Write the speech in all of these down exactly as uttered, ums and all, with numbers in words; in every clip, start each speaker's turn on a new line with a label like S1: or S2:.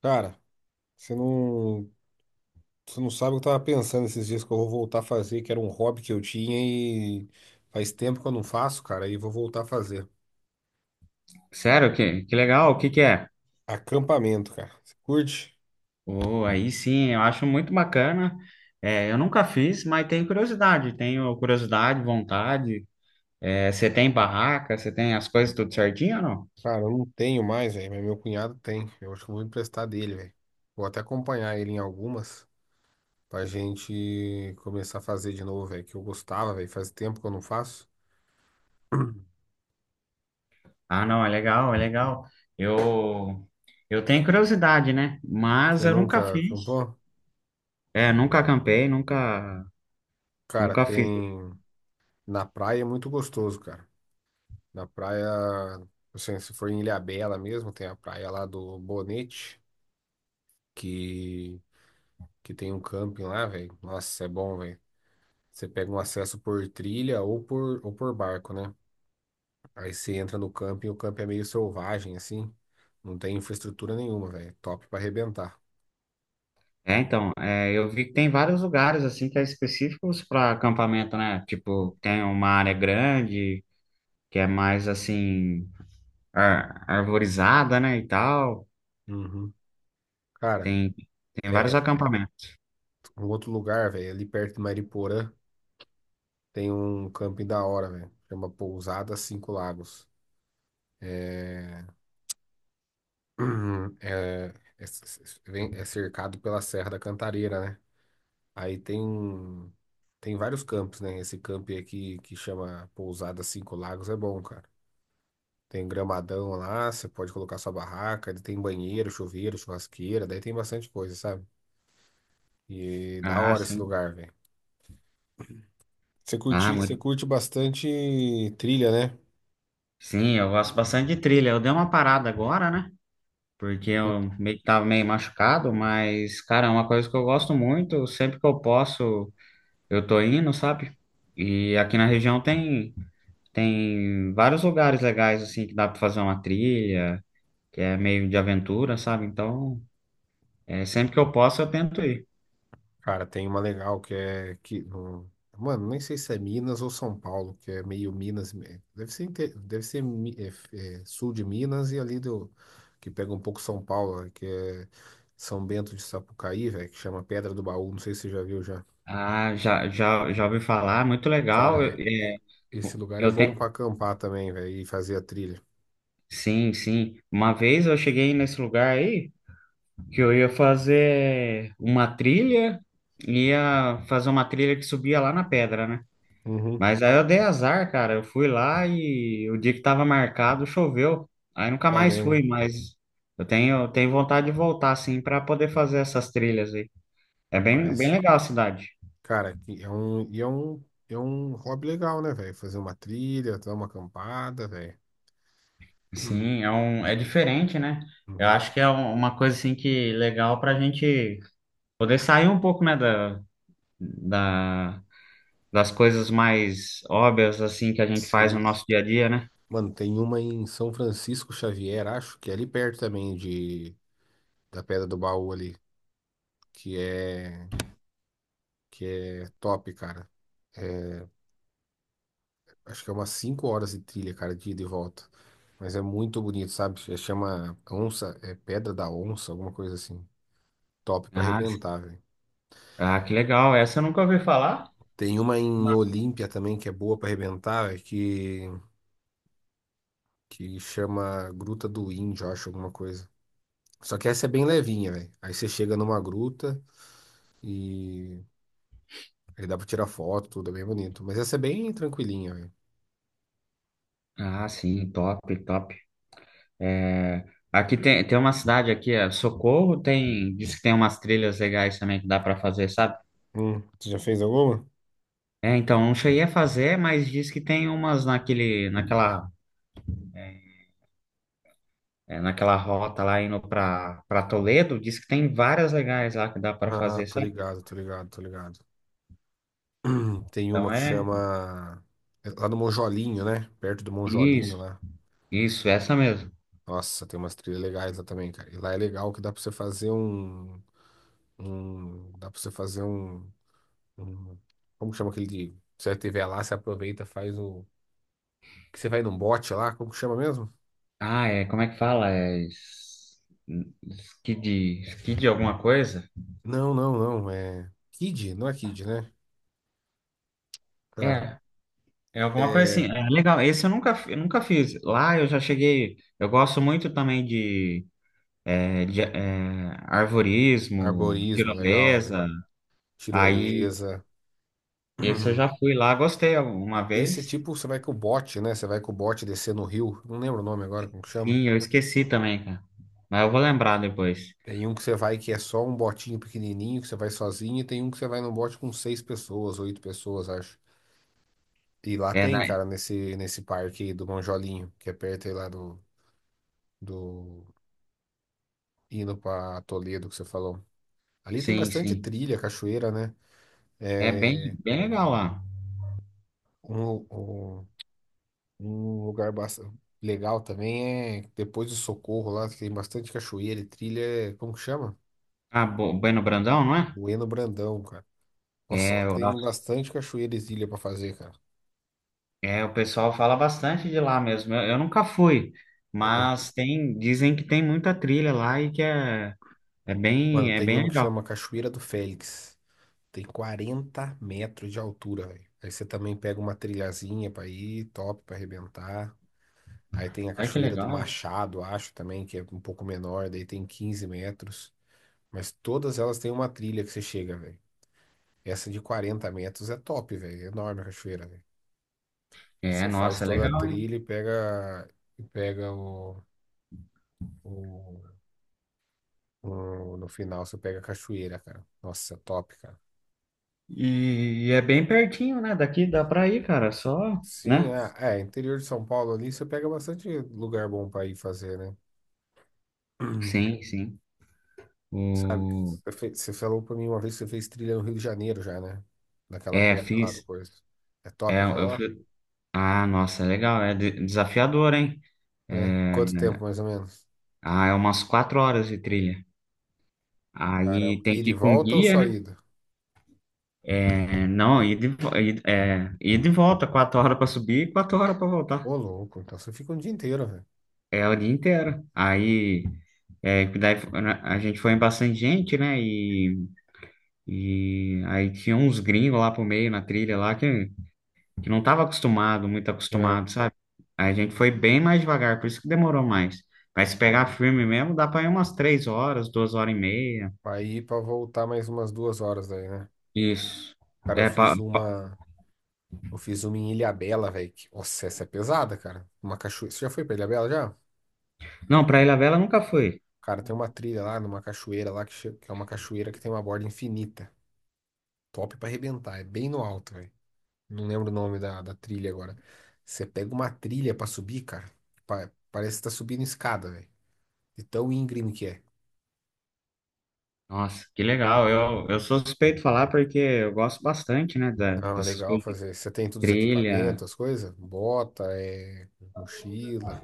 S1: Cara, você não, você não sabe o que eu tava pensando esses dias que eu vou voltar a fazer, que era um hobby que eu tinha e faz tempo que eu não faço, cara, e vou voltar a fazer.
S2: Sério, que, que legal, o que que é?
S1: Acampamento, cara. Você curte?
S2: Oh, aí sim, eu acho muito bacana. É, eu nunca fiz, mas tenho curiosidade, tenho curiosidade, vontade. É, você tem barraca, você tem as coisas tudo certinho ou não?
S1: Cara, eu não tenho mais, velho, mas meu cunhado tem. Eu acho que eu vou emprestar dele, velho. Vou até acompanhar ele em algumas pra gente começar a fazer de novo, velho, que eu gostava, velho. Faz tempo que eu não faço.
S2: Ah, não, é legal, é legal. Eu, eu tenho curiosidade, né? Mas
S1: Você
S2: eu nunca
S1: nunca
S2: fiz.
S1: acampou?
S2: É, nunca acampei, nunca,
S1: Cara,
S2: nunca fiz.
S1: tem na praia é muito gostoso, cara. Na praia, assim, se for em Ilhabela mesmo, tem a praia lá do Bonete, que, que tem um camping lá, velho. Nossa, é bom, velho. Você pega um acesso por trilha ou por, ou por barco, né? Aí você entra no camping, o camping é meio selvagem, assim. Não tem infraestrutura nenhuma, velho. Top pra arrebentar.
S2: É, então, é, eu vi que tem vários lugares assim que é específicos para acampamento, né? Tipo, tem uma área grande que é mais assim ar- arvorizada, né, e tal.
S1: Uhum. Cara,
S2: Tem, tem vários
S1: é,
S2: acampamentos.
S1: um outro lugar, velho, ali perto de Mariporã, tem um camping da hora, velho. Chama Pousada Cinco Lagos. É, uhum. É, é, vem- é cercado pela Serra da Cantareira, né? Aí tem, tem vários campos, né? Esse campo aí aqui que chama Pousada Cinco Lagos é bom, cara. Tem gramadão lá, você pode colocar sua barraca, ele tem banheiro, chuveiro, churrasqueira, daí tem bastante coisa, sabe? E da
S2: Ah,
S1: hora esse
S2: sim.
S1: lugar, velho. Você
S2: Ah,
S1: curte, você
S2: muito.
S1: curte bastante trilha, né?
S2: Sim, eu gosto bastante de trilha. Eu dei uma parada agora, né? Porque eu meio que tava meio machucado, mas, cara, é uma coisa que eu gosto muito. Sempre que eu posso, eu tô indo, sabe? E aqui na região tem, tem vários lugares legais, assim, que dá pra fazer uma trilha, que é meio de aventura, sabe? Então, é, sempre que eu posso, eu tento ir.
S1: Cara, tem uma legal que é que no- mano, nem sei se é Minas ou São Paulo, que é meio Minas, me- deve ser inte- deve ser Mi- é, f- é, sul de Minas e ali do que pega um pouco São Paulo, né, que é São Bento de Sapucaí, velho, que chama Pedra do Baú, não sei se você já viu já.
S2: Ah, já, já, já ouvi falar, muito
S1: Cara,
S2: legal. Eu,
S1: é- é-
S2: é,
S1: esse lugar é
S2: eu
S1: bom pra
S2: tenho.
S1: acampar também, velho, e fazer a trilha.
S2: Sim, sim. Uma vez eu cheguei nesse lugar aí que eu ia fazer uma trilha, ia fazer uma trilha que subia lá na pedra, né?
S1: Uhum.
S2: Mas aí eu dei azar, cara. Eu fui lá e o dia que tava marcado choveu. Aí nunca mais fui,
S1: Caramba,
S2: mas eu tenho, eu tenho vontade de voltar, assim, para poder fazer essas trilhas aí. É bem, bem
S1: rapaz.
S2: legal a cidade.
S1: Cara, que é um e é um é um hobby legal, né, velho? Fazer uma trilha, dar uma acampada, velho.
S2: Sim, é um, é diferente, né? Eu acho que é um- uma coisa assim que legal para a gente poder sair um pouco, né, da, da, das coisas mais óbvias assim que a gente faz no
S1: Sim.
S2: nosso dia a dia, né?
S1: Mano, tem uma em São Francisco Xavier, acho, que é ali perto também de, da Pedra do Baú ali, que é, que é top, cara. É, acho que é umas cinco horas de trilha, cara, de ida e volta. Mas é muito bonito, sabe? É- Chama Onça, é Pedra da Onça, alguma coisa assim. Top pra
S2: Ah,
S1: arrebentar, velho.
S2: ah, que legal. Essa eu nunca ouvi falar.
S1: Tem uma em Olímpia também que é boa pra arrebentar, véio, que, que chama Gruta do Índio, acho, alguma coisa. Só que essa é bem levinha, velho. Aí você chega numa gruta e aí dá pra tirar foto, tudo é bem bonito. Mas essa é bem tranquilinha, velho.
S2: Ah, sim, top, top. É, aqui tem, tem uma cidade aqui, é Socorro, tem, diz que tem umas trilhas legais também que dá para fazer, sabe?
S1: Hum, você já fez alguma?
S2: É, então, não cheguei a fazer, mas diz que tem umas naquele, naquela é, naquela rota lá indo para para Toledo, diz que tem várias legais lá que dá para
S1: Ah,
S2: fazer,
S1: tô
S2: sabe?
S1: ligado, tô ligado, tô ligado. Hum, Tem uma
S2: Então
S1: que
S2: é
S1: chama. É lá no Monjolinho, né? Perto do Monjolinho
S2: isso,
S1: lá.
S2: isso, essa mesmo.
S1: Nossa, tem umas trilhas legais lá também, cara. E lá é legal que dá pra você fazer um. Um... Dá pra você fazer um. Um- Como que chama aquele de. Você tiver lá, você aproveita, faz o. Que você vai num bote lá, como que chama mesmo?
S2: Ah, é, como é que fala? É es- skid, skid alguma coisa?
S1: Não, não, não. É. Kid, não é Kid, né? Cara,
S2: É, é alguma coisa assim.
S1: é
S2: É legal, esse eu nunca, fi- eu nunca fiz. Lá eu já cheguei, eu gosto muito também de, é, de, é, arvorismo,
S1: arborismo, legal, velho.
S2: tirolesa, aí
S1: Tirolesa.
S2: esse eu já fui lá, gostei uma
S1: Esse é
S2: vez.
S1: tipo, você vai com o bote, né? Você vai com o bote descer no rio. Não lembro o nome agora, como que chama.
S2: Sim, eu esqueci também, cara. Mas eu vou lembrar depois.
S1: Tem um que você vai que é só um botinho pequenininho, que você vai sozinho, e tem um que você vai num bote com seis pessoas, oito pessoas, acho. E lá
S2: É,
S1: tem,
S2: da...
S1: cara, nesse, nesse parque aí do Monjolinho, que é perto aí lá do, do... indo pra Toledo, que você falou. Ali tem
S2: sim,
S1: bastante
S2: sim.
S1: trilha, cachoeira, né?
S2: É bem,
S1: É.
S2: bem legal lá.
S1: Um, um, um lugar basta- legal também é depois do Socorro lá, que tem bastante cachoeira e trilha. é- Como que chama?
S2: Ah, Bo- Bueno Brandão, não é?
S1: Bueno Brandão, cara. Nossa,
S2: É,
S1: lá
S2: eu-
S1: tem
S2: acho-
S1: bastante cachoeira e trilha pra fazer, cara.
S2: é, o pessoal fala bastante de lá mesmo. Eu, eu nunca fui,
S1: É.
S2: mas tem, dizem que tem muita trilha lá e que é, é
S1: Mano,
S2: bem, é
S1: tem
S2: bem
S1: uma que
S2: legal.
S1: chama Cachoeira do Félix. Tem quarenta metros de altura, velho. Aí você também pega uma trilhazinha pra ir, top pra arrebentar. Aí tem a
S2: Olha que
S1: Cachoeira do
S2: legal.
S1: Machado, acho também, que é um pouco menor, daí tem quinze metros. Mas todas elas têm uma trilha que você chega, velho. Essa de quarenta metros é top, velho. É enorme a cachoeira, velho.
S2: É,
S1: Você faz
S2: nossa, é
S1: toda a
S2: legal, hein?
S1: trilha e pega, e pega o, o, o- no final você pega a cachoeira, cara. Nossa, é top, cara.
S2: E, e é bem pertinho, né? Daqui dá pra ir, cara, só,
S1: Sim,
S2: né?
S1: é, é, interior de São Paulo ali você pega bastante lugar bom pra ir fazer, né?
S2: Sim, sim.
S1: Sabe?
S2: O...
S1: Você fe- você falou pra mim uma vez que você fez trilha no Rio de Janeiro já, né? Naquela
S2: É,
S1: pedra lá do
S2: fiz.
S1: coisa. É
S2: É,
S1: top aquela
S2: eu
S1: lá?
S2: fui. Ah, nossa, é legal. É de- desafiador, hein?
S1: É.
S2: É,
S1: Quanto tempo mais ou menos?
S2: ah, é umas quatro horas de trilha. Aí
S1: Caramba.
S2: tem
S1: Ida
S2: que
S1: e
S2: ir com
S1: volta ou
S2: guia,
S1: só
S2: né?
S1: ida?
S2: É, não, ir de, vo- ir, é, ir de volta, quatro horas para subir e quatro horas para voltar.
S1: Ô, louco. Então você fica um dia inteiro, velho.
S2: É o dia inteiro. Aí, é, daí a gente foi em bastante gente, né? E, e aí tinha uns gringos lá pro meio na trilha lá que que não estava acostumado, muito
S1: É,
S2: acostumado, sabe? Aí a gente foi bem mais devagar, por isso que demorou mais. Mas se pegar
S1: caramba.
S2: firme mesmo, dá para ir umas três horas, duas horas e meia.
S1: Pra ir pra voltar mais umas duas horas aí, né?
S2: Isso.
S1: Cara, eu
S2: É, pa,
S1: fiz
S2: pa...
S1: uma. Eu fiz uma em Ilhabela, velho. que- Nossa, essa é pesada, cara. Uma cachoeira. Você já foi pra Ilhabela já?
S2: Não, para Ilha nunca fui.
S1: Cara, tem uma trilha lá, numa cachoeira lá, que, che- que é uma cachoeira que tem uma borda infinita. Top pra arrebentar. É bem no alto, velho. Não lembro o nome da, da trilha agora. Você pega uma trilha pra subir, cara. pa- Parece que tá subindo escada, velho. De tão íngreme que é.
S2: Nossa, que legal. Eu, eu sou suspeito de falar porque eu gosto bastante, né, da-
S1: Não, é
S2: dessas
S1: legal
S2: coisas de
S1: fazer. Você tem todos os equipamentos,
S2: trilha.
S1: as coisas? Bota, é, mochila.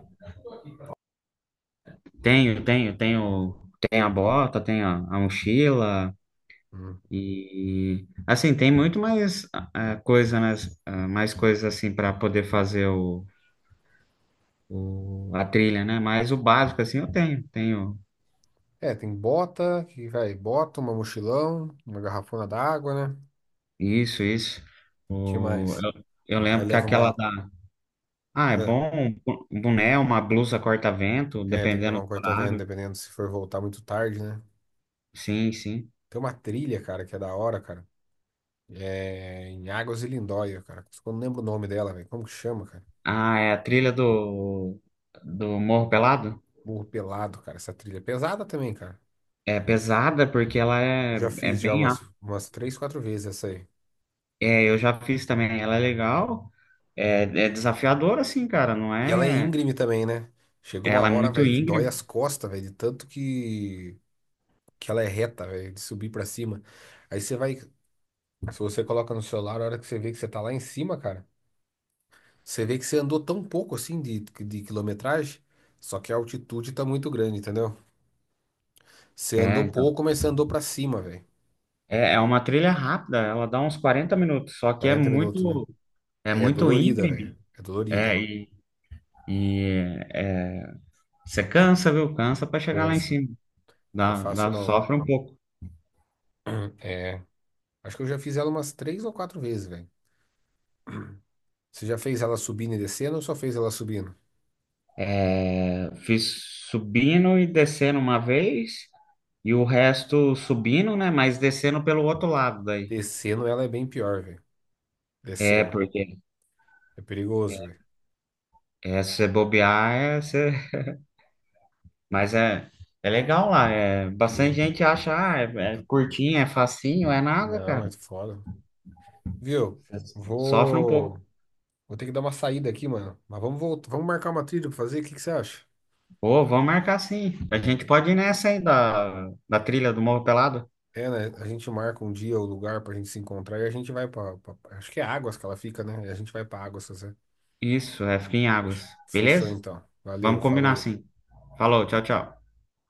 S2: Tenho, tenho, tenho, tenho a bota, tenho a, a mochila.
S1: Hum.
S2: E assim, tem muito mais ah, ah, coisa, né, ah, mais coisas assim para poder fazer o o- a trilha, né? Mas o básico, assim, eu tenho. Tenho
S1: É, tem bota, que vai, bota, uma mochilão, uma garrafona d'água, né?
S2: isso, isso.
S1: Que
S2: O-
S1: mais?
S2: eu, eu
S1: Aí
S2: lembro que
S1: leva
S2: aquela
S1: uma.
S2: da... Ah, é
S1: Ah,
S2: bom, um boné, uma blusa corta-vento,
S1: é, tem que
S2: dependendo
S1: levar um
S2: do
S1: corta-vento,
S2: horário.
S1: dependendo se for voltar muito tarde, né?
S2: Sim, sim.
S1: Tem uma trilha, cara, que é da hora, cara. É em Águas de Lindóia, cara. Eu não lembro o nome dela, velho. Como que chama, cara?
S2: Ah, é a trilha do, do Morro Pelado?
S1: Burro Pelado, cara. Essa trilha é pesada também, cara.
S2: É pesada porque ela é,
S1: Já
S2: é
S1: fiz já
S2: bem... a-
S1: umas, umas três, quatro vezes essa aí.
S2: É, eu já fiz também, ela é legal. É, é desafiadora, assim, cara, não
S1: E ela é
S2: é...
S1: íngreme também, né? Chegou
S2: Ela
S1: uma
S2: é
S1: hora,
S2: muito
S1: velho, que dói
S2: íngreme.
S1: as costas, velho, de tanto que, que ela é reta, velho, de subir pra cima. Aí você vai, se você coloca no celular, a hora que você vê que você tá lá em cima, cara, você vê que você andou tão pouco assim de, de quilometragem, só que a altitude tá muito grande, entendeu? Você andou
S2: É,
S1: pouco, mas você andou pra cima, velho.
S2: É, é uma trilha rápida, ela dá uns quarenta minutos, só que é
S1: quarenta minutos, né?
S2: muito, é
S1: É
S2: muito
S1: dolorida,
S2: íngreme.
S1: velho. É dolorida.
S2: É, e, e é, você cansa, viu? Cansa para chegar lá em
S1: Cansa.
S2: cima.
S1: Não é
S2: Dá,
S1: fácil
S2: dá,
S1: não, velho.
S2: sofre um pouco.
S1: É. Acho que eu já fiz ela umas três ou quatro vezes, velho. Você já fez ela subindo e descendo ou só fez ela subindo?
S2: É, fiz subindo e descendo uma vez, e o resto subindo, né? Mas descendo pelo outro lado daí.
S1: Descendo ela é bem pior, velho.
S2: É,
S1: Descendo.
S2: porque
S1: É perigoso, velho.
S2: é, se você bobear, é, você... mas é, é legal lá. É, bastante
S1: Sim.
S2: gente acha, ah, é, é curtinho, é facinho, é nada,
S1: Não, é
S2: cara.
S1: foda. Viu?
S2: Você sofre um
S1: Vou.
S2: pouco.
S1: Vou ter que dar uma saída aqui, mano. Mas vamos voltar. Vamos marcar uma trilha pra fazer? O que que você acha?
S2: Ô, vamos marcar sim. A gente pode ir nessa aí da, da trilha do Morro Pelado.
S1: É, né? A gente marca um dia o lugar pra gente se encontrar e a gente vai pra, pra- acho que é Águas que ela fica, né? E a gente vai pra Águas, se você.
S2: Isso, é, fica em Águas.
S1: Fechou Fechou,
S2: Beleza?
S1: então. Valeu,
S2: Vamos combinar
S1: falou.
S2: sim. Falou, tchau, tchau.